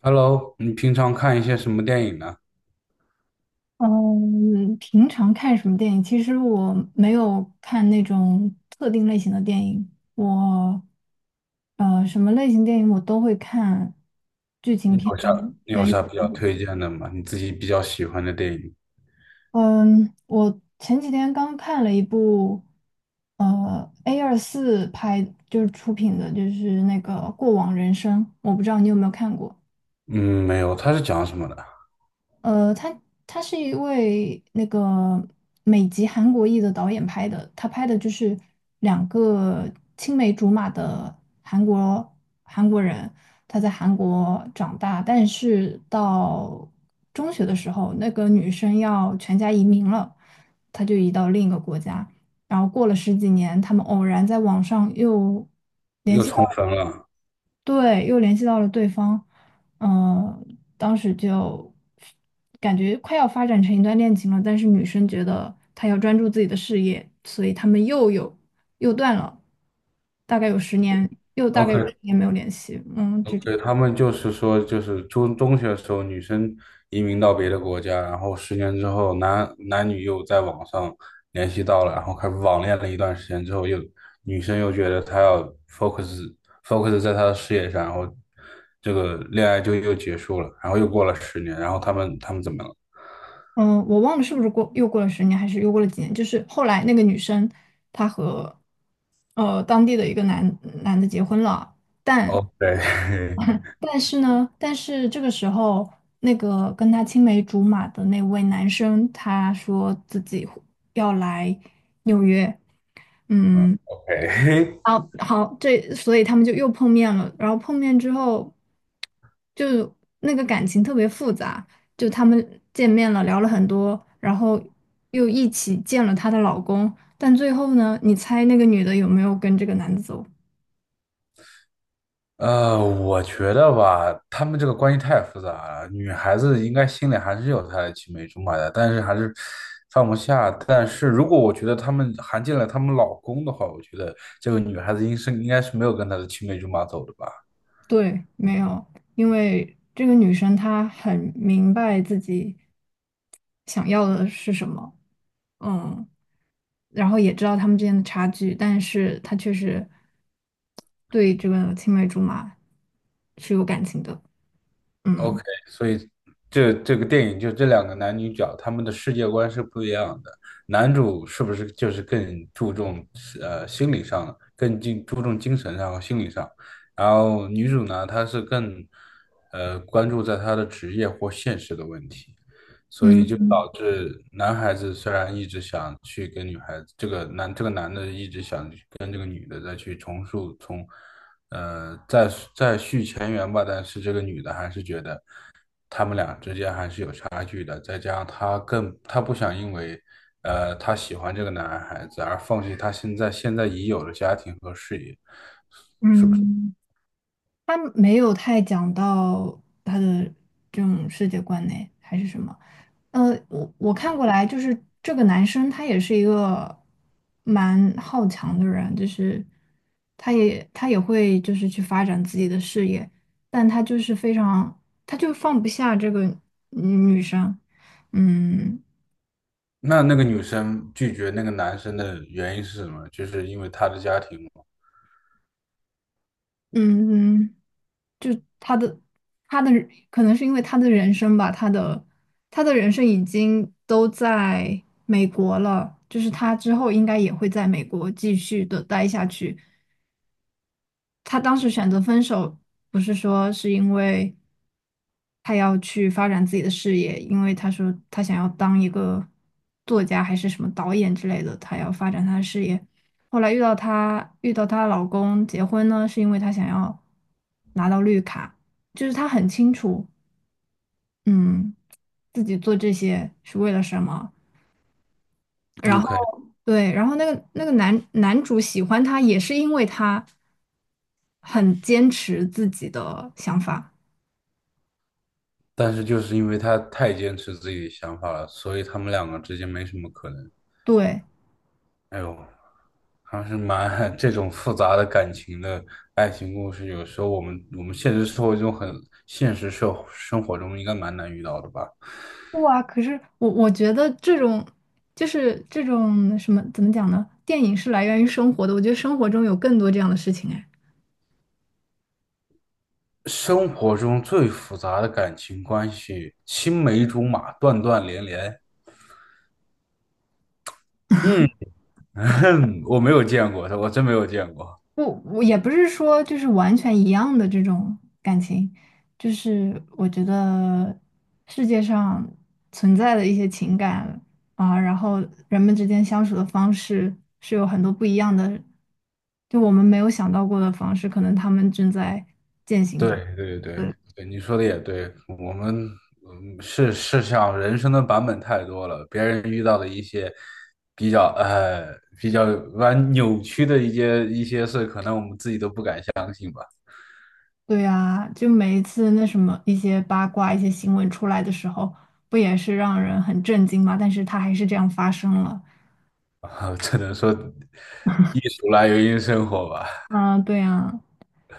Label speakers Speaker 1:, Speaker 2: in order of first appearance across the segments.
Speaker 1: Hello，你平常看一些什么电影呢？
Speaker 2: 嗯，平常看什么电影？其实我没有看那种特定类型的电影，我什么类型电影我都会看，剧
Speaker 1: 你
Speaker 2: 情片、
Speaker 1: 有啥你有
Speaker 2: 悬疑
Speaker 1: 啥比
Speaker 2: 片。
Speaker 1: 较推荐的吗？你自己比较喜欢的电影？
Speaker 2: 嗯，我前几天刚看了一部A24拍就是出品的，就是那个《过往人生》，我不知道你有没有看过。
Speaker 1: 嗯，没有，它是讲什么的？
Speaker 2: 呃，他他是一位那个美籍韩国裔的导演拍的，他拍的就是两个青梅竹马的韩国韩国人，他在韩国长大，但是到中学的时候，那个女生要全家移民了，他就移到另一个国家，然后过了十几年，他们偶然在网上又
Speaker 1: 又重生了。
Speaker 2: 对，又联系到了对方，嗯、当时就感觉快要发展成一段恋情了，但是女生觉得她要专注自己的事业，所以他们又断了，大概有十年，又大概有十
Speaker 1: OK，
Speaker 2: 年没有联系，就这样。
Speaker 1: OK，他们就是说，就是中学的时候，女生移民到别的国家，然后十年之后男女又在网上联系到了，然后开始网恋了一段时间之后又，女生又觉得她要 focus focus 在她的事业上，然后这个恋爱就又结束了，然后又过了十年，然后他们怎么了
Speaker 2: 嗯，我忘了是不是又过了十年，还是又过了几年，就是后来那个女生她和当地的一个男的结婚了。但
Speaker 1: ？OK，
Speaker 2: 但是呢，但是这个时候，那个跟他青梅竹马的那位男生，他说自己要来纽约，
Speaker 1: 嗯
Speaker 2: 嗯，
Speaker 1: ，OK，
Speaker 2: 好好，所以他们就又碰面了。然后碰面之后，就那个感情特别复杂，就他们见面了，聊了很多，然后又一起见了她的老公。但最后呢，你猜那个女的有没有跟这个男的走？
Speaker 1: 我觉得吧，他们这个关系太复杂了。女孩子应该心里还是有她的青梅竹马的，但是还是放不下。但是如果我觉得他们含进了他们老公的话，我觉得这个女孩子应该是没有跟她的青梅竹马走的吧。
Speaker 2: 对，没有，因为这个女生她很明白自己想要的是什么，嗯，然后也知道他们之间的差距，但是她确实对这个青梅竹马是有感情的，嗯，
Speaker 1: OK，所以这个电影就这两个男女角，他们的世界观是不一样的。男主是不是就是更注重心理上，更注重精神上和心理上？然后女主呢，她是更关注在她的职业或现实的问题，所以就
Speaker 2: 嗯
Speaker 1: 导致男孩子虽然一直想去跟女孩子，这个男的一直想去跟这个女的再去重塑从呃，再再续前缘吧，但是这个女的还是觉得他们俩之间还是有差距的，再加上她更，她不想因为她喜欢这个男孩子而放弃她现在已有的家庭和事业。
Speaker 2: 嗯，她没有太讲到她的这种世界观呢，还是什么。我看过来，就是这个男生他也是一个蛮好强的人，就是他也会就是去发展自己的事业，但他就是非常，他就放不下这个女生，嗯
Speaker 1: 那那个女生拒绝那个男生的原因是什么？就是因为她的家庭嘛。
Speaker 2: 嗯嗯，就他的他的可能是因为他的人生吧，他的人生已经都在美国了，就是他之后应该也会在美国继续的待下去。他当时选择分手，不是说是因为他要去发展自己的事业，因为他说他想要当一个作家还是什么导演之类的，他要发展他的事业。后来遇到她老公结婚呢，是因为她想要拿到绿卡，就是她很清楚，嗯，自己做这些是为了什么。然后。
Speaker 1: OK，
Speaker 2: 对，然后那个男主喜欢她，也是因为她很坚持自己的想法。
Speaker 1: 但是就是因为他太坚持自己的想法了，所以他们两个之间没什么可能。
Speaker 2: 对，
Speaker 1: 哎呦，还是蛮 这种复杂的感情的爱情故事，有时候我们现实生活中现实生活中应该蛮难遇到的吧。
Speaker 2: 哇，可是我觉得这种就是这种什么怎么讲呢？电影是来源于生活的，我觉得生活中有更多这样的事情哎。
Speaker 1: 生活中最复杂的感情关系，青梅竹马，断断连连。嗯，我没有见过，我真没有见过。
Speaker 2: 我也不是说就是完全一样的这种感情，就是我觉得世界上存在的一些情感啊，然后人们之间相处的方式是有很多不一样的，就我们没有想到过的方式，可能他们正在践行
Speaker 1: 对
Speaker 2: 着。
Speaker 1: 对对对，你说的也对，我们像人生的版本太多了，别人遇到的一些比较呃比较扭曲的一些事，可能我们自己都不敢想，
Speaker 2: 对啊，就每一次那什么一些八卦、一些新闻出来的时候，不也是让人很震惊吗？但是它还是这样发生了。
Speaker 1: 只能说艺术来源于生活 吧。
Speaker 2: 嗯，对呀，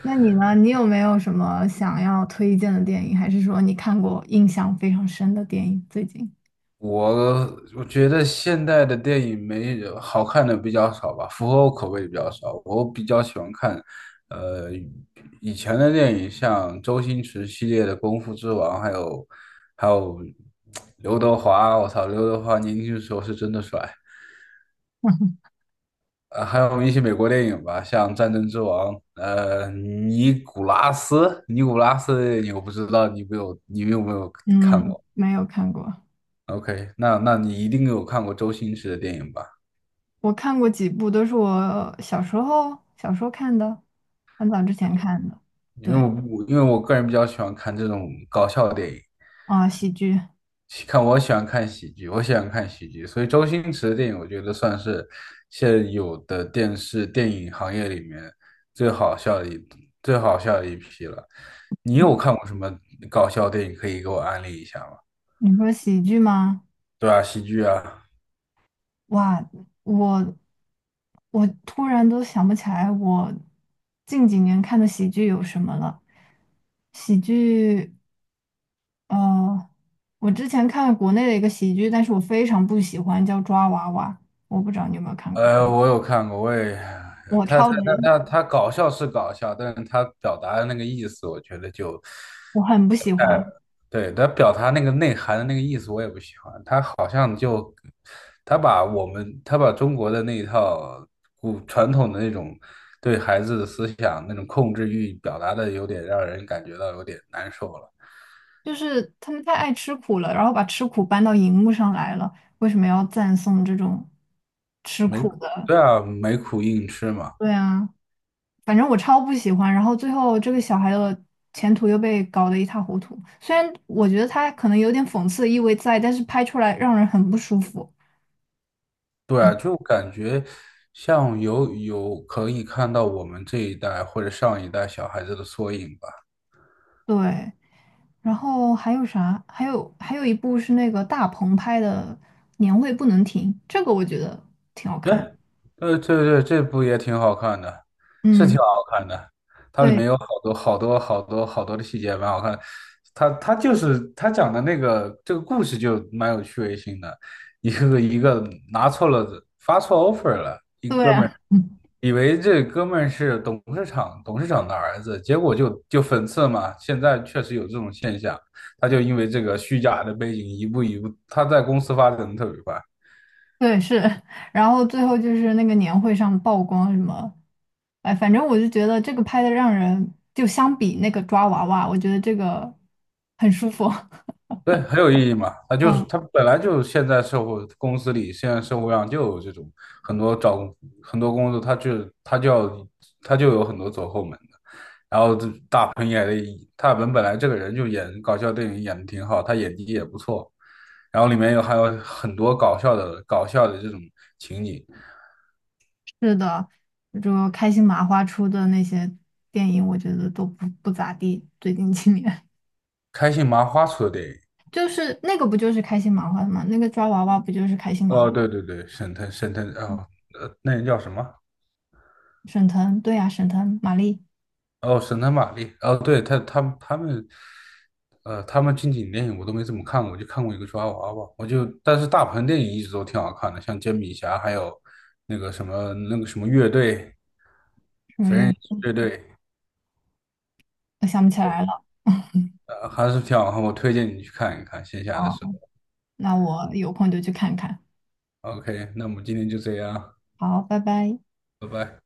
Speaker 2: 那你呢？你有没有什么想要推荐的电影，还是说你看过印象非常深的电影？最近，
Speaker 1: 我我觉得现代的电影没好看的比较少吧，符合我口味的比较少。我比较喜欢看，呃，以前的电影，像周星驰系列的《功夫之王》，还有刘德华。我操，刘德华年轻的时候是真的帅。呃，还有一些美国电影吧，像《战争之王》，尼古拉斯的电影我不知道你有没有看
Speaker 2: 嗯，
Speaker 1: 过
Speaker 2: 没有看过。
Speaker 1: ？OK，那那你一定有看过周星驰的电影吧？
Speaker 2: 我看过几部，都是我小时候看的，很早之前看的。
Speaker 1: 因为我
Speaker 2: 对，
Speaker 1: 因为我个人比较喜欢看这种搞笑电影，
Speaker 2: 啊，喜剧，
Speaker 1: 喜看我喜欢看喜剧，我喜欢看喜剧，所以周星驰的电影我觉得算是现有的电视电影行业里面最好笑的一最好笑的一批了。你有看过什么搞笑电影可以给我安利一下吗？
Speaker 2: 你说喜剧吗？
Speaker 1: 对啊，喜剧啊，
Speaker 2: 哇，我我突然都想不起来我近几年看的喜剧有什么了。喜剧，呃，我之前看国内的一个喜剧，但是我非常不喜欢，叫《抓娃娃》，我不知道你有没有看过。
Speaker 1: 呃，我有看过，
Speaker 2: 我
Speaker 1: 他他
Speaker 2: 超级，
Speaker 1: 他搞笑是搞笑，但是他表达的那个意思，我觉得就
Speaker 2: 我很不喜欢，
Speaker 1: 对，他表达那个内涵的那个意思我也不喜欢，他好像就他把中国的那一套古传统的那种对孩子的思想那种控制欲表达的有点让人感觉到有点难受了，
Speaker 2: 就是他们太爱吃苦了，然后把吃苦搬到荧幕上来了，为什么要赞颂这种吃
Speaker 1: 没
Speaker 2: 苦的？
Speaker 1: 对啊，没苦硬吃嘛，
Speaker 2: 对啊，反正我超不喜欢。然后最后这个小孩的前途又被搞得一塌糊涂，虽然我觉得他可能有点讽刺意味在，但是拍出来让人很不舒服。
Speaker 1: 对
Speaker 2: 嗯，
Speaker 1: 啊，就感觉像可以看到我们这一代或者上一代小孩子的缩影吧。
Speaker 2: 对。然后还有啥？还有一部是那个大鹏拍的《年会不能停》，这个我觉得挺好
Speaker 1: 对，
Speaker 2: 看的。
Speaker 1: 对对对，这部也挺好看的，是挺
Speaker 2: 嗯，
Speaker 1: 好看的。它里
Speaker 2: 对
Speaker 1: 面有好多好多好多好多的细节，蛮好看就是他讲的那个这个故事就蛮有趣味性的，一个一个拿错了发错 offer 了，
Speaker 2: 对啊，嗯，
Speaker 1: 以为这哥们儿是董事长的儿子，结果就讽刺嘛。现在确实有这种现象，他就因为这个虚假的背景，一步一步，他在公司发展的特别快。
Speaker 2: 对是。然后最后就是那个年会上曝光什么，哎，反正我就觉得这个拍的让人就相比那个抓娃娃，我觉得这个很舒服。
Speaker 1: 对，很有意义嘛。他就是
Speaker 2: 嗯，
Speaker 1: 他本来就现在社会公司里，现在社会上就有这种很多找很多工作，他就有很多走后门的。然后这大鹏演的，大鹏本来这个人就演搞笑电影演的挺好，他演技也不错。然后里面还有很多搞笑的这种情景，
Speaker 2: 是的，就开心麻花出的那些电影，我觉得都不咋地，最近几年。
Speaker 1: 开心麻花出的电影。
Speaker 2: 就是那个不就是开心麻花的吗？那个抓娃娃不就是开心麻
Speaker 1: 哦，对对对，沈腾沈腾啊，呃，那人叫什么？
Speaker 2: 沈腾？对呀、沈腾、马丽、
Speaker 1: 哦，神探玛丽，哦，对，他们，呃，他们近几年电影我都没怎么看过，我就看过一个抓娃娃，但是大鹏电影一直都挺好看的，像煎饼侠，还有那个什么乐队，
Speaker 2: 什么
Speaker 1: 缝
Speaker 2: 月，
Speaker 1: 人乐队，
Speaker 2: 我想不起来了。
Speaker 1: 呃，还是挺好看，我推荐你去看一看，线下的时
Speaker 2: 哦，
Speaker 1: 候。
Speaker 2: 那我有空就去看看。
Speaker 1: OK，那我们今天就这样，
Speaker 2: 好，拜拜。
Speaker 1: 拜拜。